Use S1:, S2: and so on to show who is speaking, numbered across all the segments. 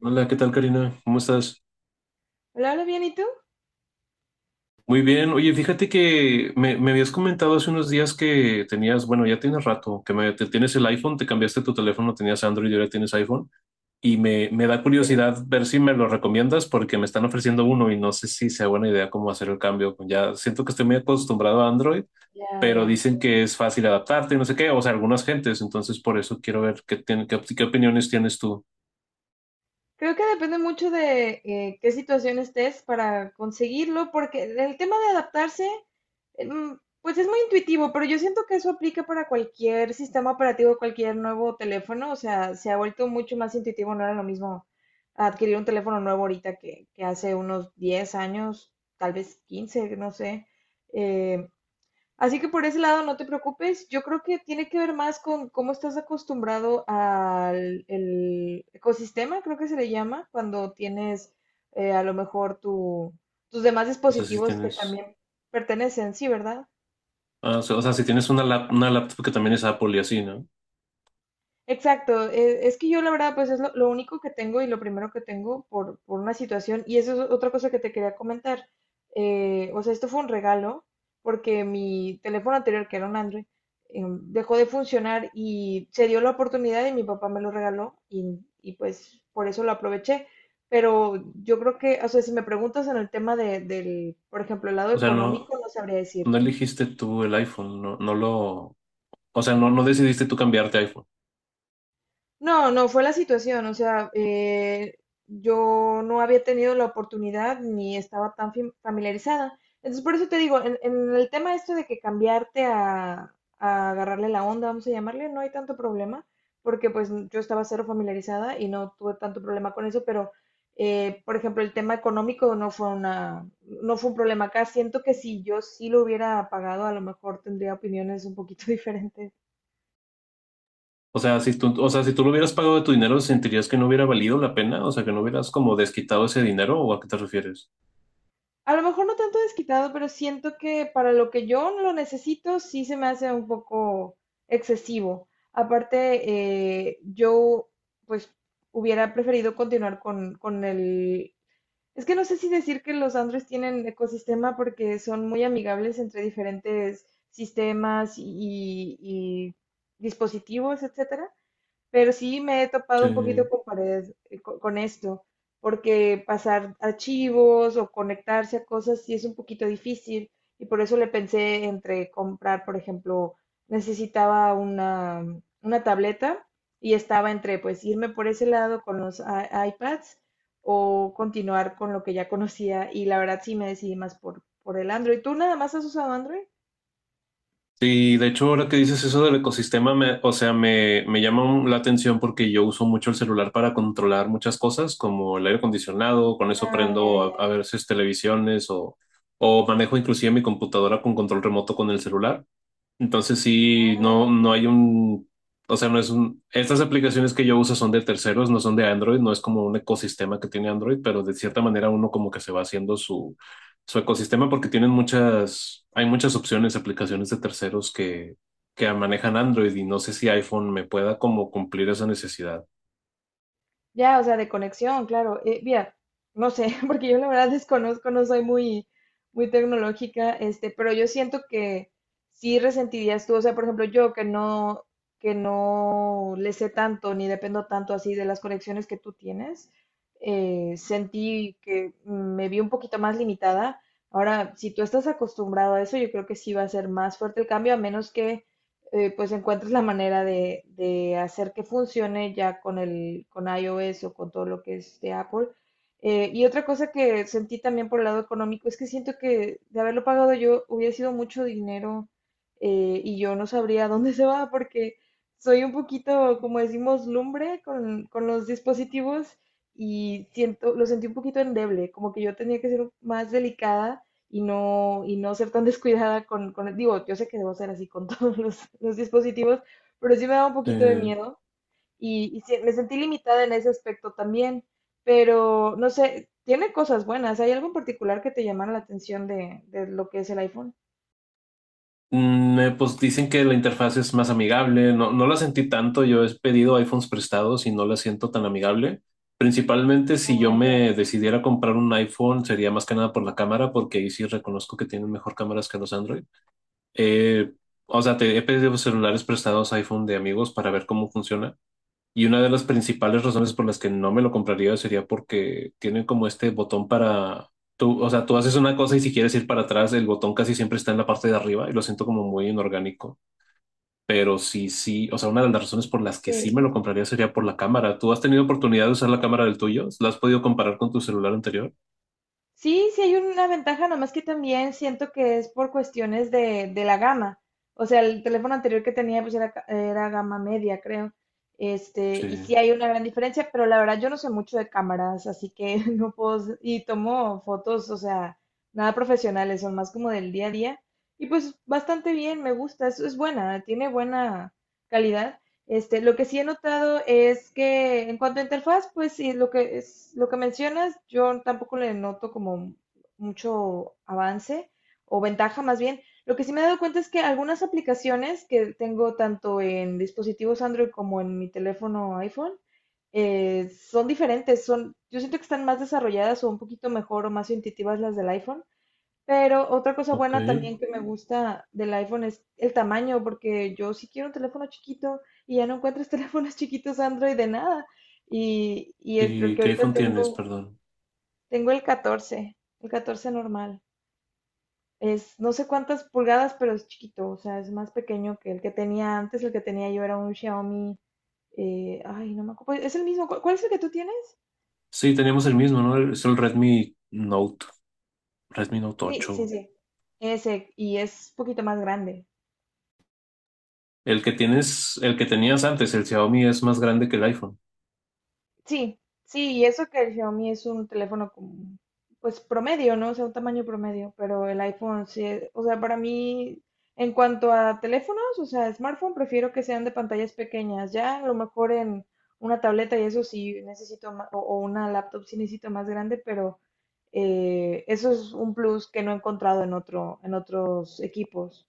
S1: Hola, ¿qué tal, Karina? ¿Cómo estás?
S2: Hola, hola, bien, ¿y tú?
S1: Muy bien. Oye, fíjate que me habías comentado hace unos días que tenías, bueno, ya tienes rato, que tienes el iPhone, te cambiaste tu teléfono, tenías Android y ahora tienes iPhone. Y me da
S2: Sí,
S1: curiosidad ver si me lo recomiendas porque me están ofreciendo uno y no sé si sea buena idea cómo hacer el cambio. Ya siento que estoy muy acostumbrado a Android,
S2: ya,
S1: pero
S2: ya, sí.
S1: dicen que es fácil adaptarte y no sé qué, o sea, algunas gentes. Entonces, por eso quiero ver qué opiniones tienes tú.
S2: Creo que depende mucho de qué situación estés para conseguirlo, porque el tema de adaptarse, pues es muy intuitivo, pero yo siento que eso aplica para cualquier sistema operativo, cualquier nuevo teléfono, o sea, se ha vuelto mucho más intuitivo, no era lo mismo adquirir un teléfono nuevo ahorita que hace unos 10 años, tal vez 15, no sé. Eh, Así que por ese lado no te preocupes. Yo creo que tiene que ver más con cómo estás acostumbrado al el ecosistema, creo que se le llama, cuando tienes a lo mejor tus demás
S1: O sea, si
S2: dispositivos que
S1: tienes,
S2: también pertenecen, sí, ¿verdad?
S1: ah, o sea, si tienes una laptop que también es Apple y así, ¿no?
S2: Exacto, es que yo la verdad pues es lo único que tengo y lo primero que tengo por una situación y eso es otra cosa que te quería comentar. O sea, esto fue un regalo porque mi teléfono anterior, que era un Android, dejó de funcionar y se dio la oportunidad y mi papá me lo regaló y pues por eso lo aproveché. Pero yo creo que, o sea, si me preguntas en el tema del, por ejemplo, el lado
S1: O sea, no,
S2: económico, no sabría
S1: no
S2: decirte.
S1: elegiste tú el iPhone, o sea, no, no decidiste tú cambiarte a iPhone.
S2: No, no, fue la situación, o sea, yo no había tenido la oportunidad ni estaba tan familiarizada. Entonces, por eso te digo, en el tema esto de que cambiarte a agarrarle la onda, vamos a llamarle, no hay tanto problema, porque pues yo estaba cero familiarizada y no tuve tanto problema con eso, pero, por ejemplo, el tema económico no fue una, no fue un problema acá. Siento que si yo sí lo hubiera pagado, a lo mejor tendría opiniones un poquito diferentes.
S1: O sea, si tú lo hubieras pagado de tu dinero, ¿sentirías que no hubiera valido la pena? O sea, que no hubieras como desquitado ese dinero, ¿o a qué te refieres?
S2: A lo mejor no tanto desquitado, pero siento que para lo que yo lo necesito sí se me hace un poco excesivo. Aparte, yo pues hubiera preferido continuar con el... Es que no sé si decir que los Androids tienen ecosistema porque son muy amigables entre diferentes sistemas y dispositivos, etcétera. Pero sí me he topado un
S1: Sí.
S2: poquito con pared con esto, porque pasar archivos o conectarse a cosas sí es un poquito difícil y por eso le pensé entre comprar, por ejemplo, necesitaba una tableta y estaba entre pues irme por ese lado con los iPads o continuar con lo que ya conocía y la verdad sí me decidí más por el Android. ¿Tú nada más has usado Android?
S1: Sí, de hecho, ahora que dices eso del ecosistema, me, o sea, me llama la atención porque yo uso mucho el celular para controlar muchas cosas, como el aire acondicionado, con eso
S2: Ah, ya,
S1: prendo a
S2: ya.
S1: veces televisiones o manejo inclusive mi computadora con control remoto con el celular. Entonces sí,
S2: Ah,
S1: no,
S2: ok.
S1: no hay un, o sea, no es un, estas aplicaciones que yo uso son de terceros, no son de Android, no es como un ecosistema que tiene Android, pero de cierta manera uno como que se va haciendo su, su ecosistema porque tienen muchas, hay muchas opciones, aplicaciones de terceros que manejan Android y no sé si iPhone me pueda como cumplir esa necesidad.
S2: Ya, o sea, de conexión, claro. Mira, no sé, porque yo la verdad desconozco, no soy muy tecnológica, este, pero yo siento que sí resentirías tú, o sea, por ejemplo, yo que no le sé tanto ni dependo tanto así de las conexiones que tú tienes, sentí que me vi un poquito más limitada. Ahora, si tú estás acostumbrado a eso, yo creo que sí va a ser más fuerte el cambio, a menos que pues encuentras la manera de hacer que funcione ya con el con iOS o con todo lo que es de Apple. Y otra cosa que sentí también por el lado económico es que siento que de haberlo pagado yo hubiera sido mucho dinero y yo no sabría a dónde se va porque soy un poquito, como decimos, lumbre con los dispositivos y siento, lo sentí un poquito endeble, como que yo tenía que ser más delicada y no ser tan descuidada digo, yo sé que debo ser así con todos los dispositivos, pero sí me da un poquito de miedo y sí, me sentí limitada en ese aspecto también, pero no sé, tiene cosas buenas. ¿Hay algo en particular que te llamara la atención de lo que es el iPhone?
S1: Pues dicen que la interfaz es más amigable. No, no la sentí tanto. Yo he pedido iPhones prestados y no la siento tan amigable. Principalmente si yo
S2: Ah, ya,
S1: me
S2: ya, sí.
S1: decidiera comprar un iPhone, sería más que nada por la cámara, porque ahí sí reconozco que tienen mejor cámaras que los Android. Eh, o sea, te he pedido celulares prestados iPhone de amigos para ver cómo funciona. Y una de las principales razones por las que no me lo compraría sería porque tiene como este botón para... Tú, o sea, tú haces una cosa y si quieres ir para atrás, el botón casi siempre está en la parte de arriba y lo siento como muy inorgánico. Pero sí, sí, o sea, una de las razones por las que
S2: Sí, sí,
S1: sí
S2: sí,
S1: me
S2: sí.
S1: lo compraría sería por la cámara. ¿Tú has tenido oportunidad de usar la cámara del tuyo? ¿La has podido comparar con tu celular anterior?
S2: Sí, sí hay una ventaja, nomás que también siento que es por cuestiones de la gama. O sea, el teléfono anterior que tenía pues era, era gama media, creo. Este,
S1: Sí,
S2: y sí hay una gran diferencia, pero la verdad yo no sé mucho de cámaras, así que no puedo, y tomo fotos, o sea, nada profesionales, son más como del día a día. Y pues bastante bien, me gusta, es buena, tiene buena calidad. Este, lo que sí he notado es que en cuanto a interfaz, pues sí, lo que es, lo que mencionas, yo tampoco le noto como mucho avance o ventaja más bien. Lo que sí me he dado cuenta es que algunas aplicaciones que tengo tanto en dispositivos Android como en mi teléfono iPhone son diferentes, son, yo siento que están más desarrolladas o un poquito mejor o más intuitivas las del iPhone. Pero otra cosa
S1: ok.
S2: buena también que me gusta del iPhone es el tamaño, porque yo sí quiero un teléfono chiquito y ya no encuentras teléfonos chiquitos Android de nada. Y es el
S1: ¿Y
S2: que
S1: qué
S2: ahorita
S1: iPhone tienes?
S2: tengo,
S1: Perdón.
S2: tengo el 14, el 14 normal. Es no sé cuántas pulgadas, pero es chiquito, o sea, es más pequeño que el que tenía antes. El que tenía yo era un Xiaomi, ay, no me acuerdo. Pues, es el mismo, ¿cuál es el que tú tienes?
S1: Sí, teníamos el mismo, ¿no? Es el Redmi Note, Redmi Note
S2: Sí, sí,
S1: 8.
S2: sí. Ese, y es un poquito más grande.
S1: El que tienes, el que tenías antes, el Xiaomi es más grande que el iPhone.
S2: Sí, sí, y eso que el Xiaomi es un teléfono como, pues promedio, ¿no? O sea, un tamaño promedio, pero el iPhone sí, o sea, para mí, en cuanto a teléfonos, o sea, smartphone, prefiero que sean de pantallas pequeñas. Ya a lo mejor en una tableta y eso sí necesito más, o una laptop sí necesito más grande, pero eso es un plus que no he encontrado en otro, en otros equipos.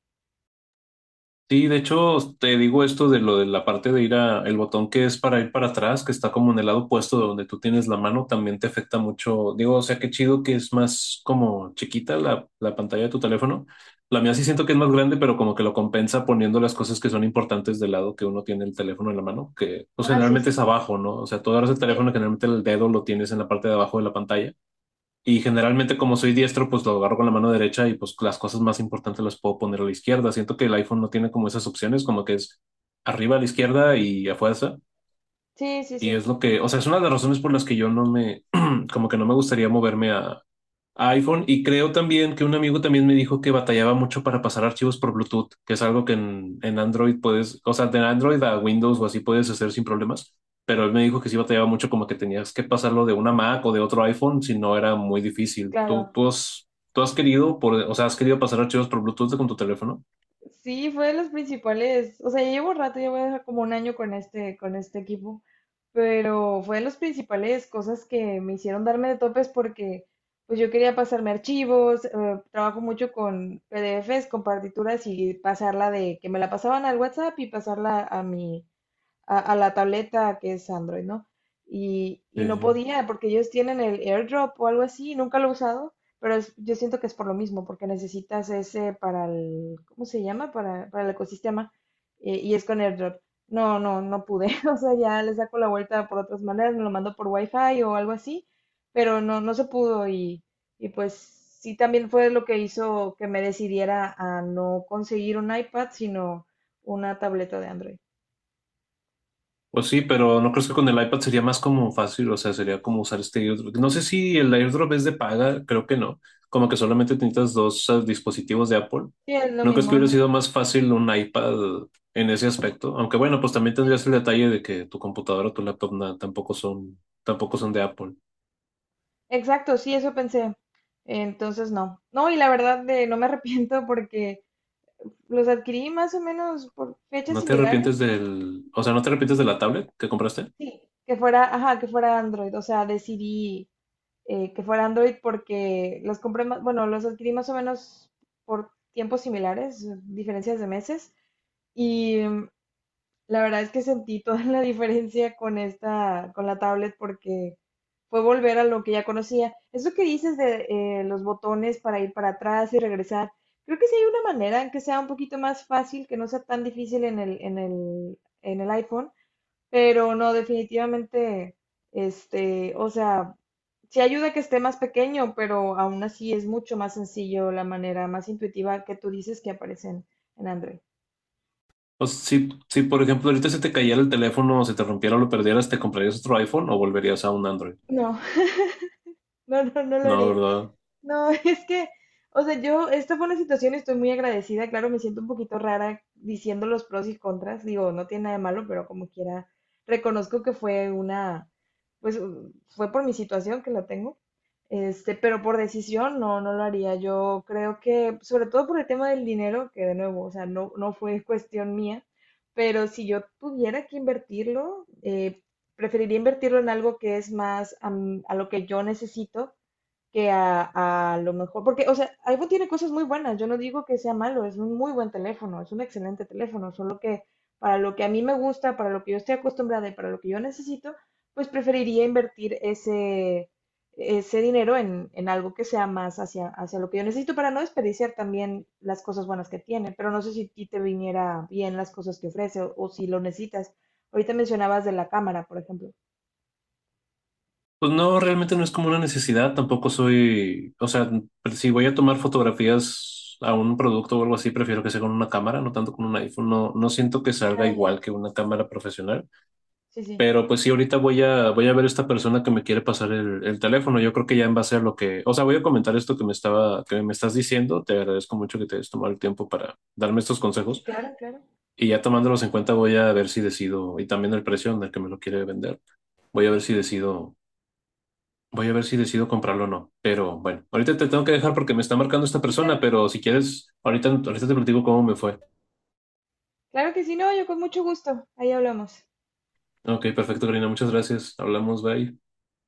S1: Sí, de hecho, te digo esto de lo de la parte de ir a el botón que es para ir para atrás, que está como en el lado opuesto de donde tú tienes la mano, también te afecta mucho. Digo, o sea, qué chido que es más como chiquita la pantalla de tu teléfono. La mía sí siento que es más grande, pero como que lo compensa poniendo las cosas que son importantes del lado que uno tiene el teléfono en la mano, que pues
S2: Ah, sí,
S1: generalmente es
S2: sí.
S1: abajo, ¿no? O sea, tú agarras el
S2: Sí,
S1: teléfono, generalmente el dedo lo tienes en la parte de abajo de la pantalla. Y generalmente como soy diestro, pues lo agarro con la mano derecha y pues las cosas más importantes las puedo poner a la izquierda. Siento que el iPhone no tiene como esas opciones, como que es arriba a la izquierda y a fuerza.
S2: sí, sí,
S1: Y
S2: sí,
S1: es lo que, o sea, es una de las razones por las que yo no me, como que no me gustaría moverme a iPhone. Y creo también que un amigo también me dijo que batallaba mucho para pasar archivos por Bluetooth, que es algo que en Android puedes, o sea, de Android a Windows o así puedes hacer sin problemas. Pero él me dijo que sí batallaba mucho como que tenías que pasarlo de una Mac o de otro iPhone, si no era muy difícil. ¿Tú,
S2: claro.
S1: tú has, tú has querido, por, o sea, has querido pasar archivos por Bluetooth con tu teléfono?
S2: Sí, fue de los principales. O sea, ya llevo rato, ya voy a dejar como un año con este equipo. Pero fue de los principales cosas que me hicieron darme de topes porque pues yo quería pasarme archivos, trabajo mucho con PDFs, con partituras y pasarla de que me la pasaban al WhatsApp y pasarla a mi, a la tableta que es Android, ¿no? Y no
S1: Sí.
S2: podía, porque ellos tienen el AirDrop o algo así, nunca lo he usado, pero yo siento que es por lo mismo, porque necesitas ese para el, ¿cómo se llama? Para el ecosistema, y es con AirDrop. No, no, no pude, o sea, ya le saco la vuelta por otras maneras, me lo mando por Wi-Fi o algo así, pero no, no se pudo y pues sí también fue lo que hizo que me decidiera a no conseguir un iPad, sino una tableta de Android.
S1: Pues sí, pero no creo que con el iPad sería más como fácil, o sea, sería como usar este airdrop. No sé si el airdrop es de paga, creo que no. Como que solamente necesitas dos dispositivos de Apple.
S2: Sí, es lo
S1: ¿No crees que
S2: mismo,
S1: hubiera
S2: ajá.
S1: sido más fácil un iPad en ese aspecto? Aunque bueno, pues también
S2: Sí,
S1: tendrías el detalle de que tu computadora o tu laptop tampoco son, tampoco son de Apple.
S2: exacto, sí, eso pensé. Entonces, no. No, y la verdad de no me arrepiento porque los adquirí más o menos por fechas
S1: ¿No te arrepientes
S2: similares.
S1: del, o sea, no te arrepientes de la tablet que compraste?
S2: Sí. Que fuera, ajá, que fuera Android. O sea, decidí que fuera Android porque los compré más, bueno, los adquirí más o menos por tiempos similares, diferencias de meses. Y mm, la verdad es que sentí toda la diferencia con esta, con la tablet porque fue volver a lo que ya conocía. Eso que dices de los botones para ir para atrás y regresar, creo que sí hay una manera en que sea un poquito más fácil, que no sea tan difícil en el iPhone, pero no, definitivamente, este, o sea, sí ayuda que esté más pequeño, pero aún así es mucho más sencillo la manera más intuitiva que tú dices que aparecen en Android.
S1: O sea, si, si por ejemplo ahorita se te cayera el teléfono o se te rompiera o lo perdieras, ¿te comprarías otro iPhone o volverías a un Android?
S2: No, no, no, no lo
S1: No,
S2: haría.
S1: ¿verdad?
S2: No, es que, o sea, yo, esta fue una situación, estoy muy agradecida, claro, me siento un poquito rara diciendo los pros y contras, digo, no tiene nada de malo, pero como quiera, reconozco que fue una, pues fue por mi situación que la tengo, este, pero por decisión no, no lo haría, yo creo que, sobre todo por el tema del dinero, que de nuevo, o sea, no, no fue cuestión mía, pero si yo tuviera que invertirlo, preferiría invertirlo en algo que es más a lo que yo necesito que a lo mejor, porque, o sea, iPhone tiene cosas muy buenas, yo no digo que sea malo, es un muy buen teléfono, es un excelente teléfono, solo que para lo que a mí me gusta, para lo que yo estoy acostumbrada y para lo que yo necesito, pues preferiría invertir ese, ese dinero en algo que sea más hacia, hacia lo que yo necesito para no desperdiciar también las cosas buenas que tiene, pero no sé si a ti te viniera bien las cosas que ofrece o si lo necesitas. Ahorita mencionabas de la cámara, por ejemplo.
S1: Pues no, realmente no es como una necesidad, tampoco soy, o sea, si voy a tomar fotografías a un producto o algo así, prefiero que sea con una cámara, no tanto con un iPhone, no, no siento que salga
S2: Ah, ya.
S1: igual que una cámara profesional,
S2: Sí, sí.
S1: pero pues sí, ahorita voy a ver a esta persona que me quiere pasar el teléfono, yo creo que ya en base a lo que, o sea, voy a comentar esto que me estaba, que me estás diciendo, te agradezco mucho que te hayas tomado el tiempo para darme estos
S2: Ah, sí,
S1: consejos
S2: claro, claro.
S1: y ya tomándolos en cuenta voy a ver si decido, y también el precio en el que me lo quiere vender. Voy a ver si decido Voy a ver si decido comprarlo o no. Pero bueno, ahorita te tengo que dejar porque me está marcando esta
S2: Sí,
S1: persona,
S2: claro.
S1: pero si quieres, ahorita, ahorita te platico cómo me fue.
S2: Claro que sí, no, yo con mucho gusto. Ahí hablamos.
S1: Ok, perfecto, Karina. Muchas gracias. Hablamos, bye.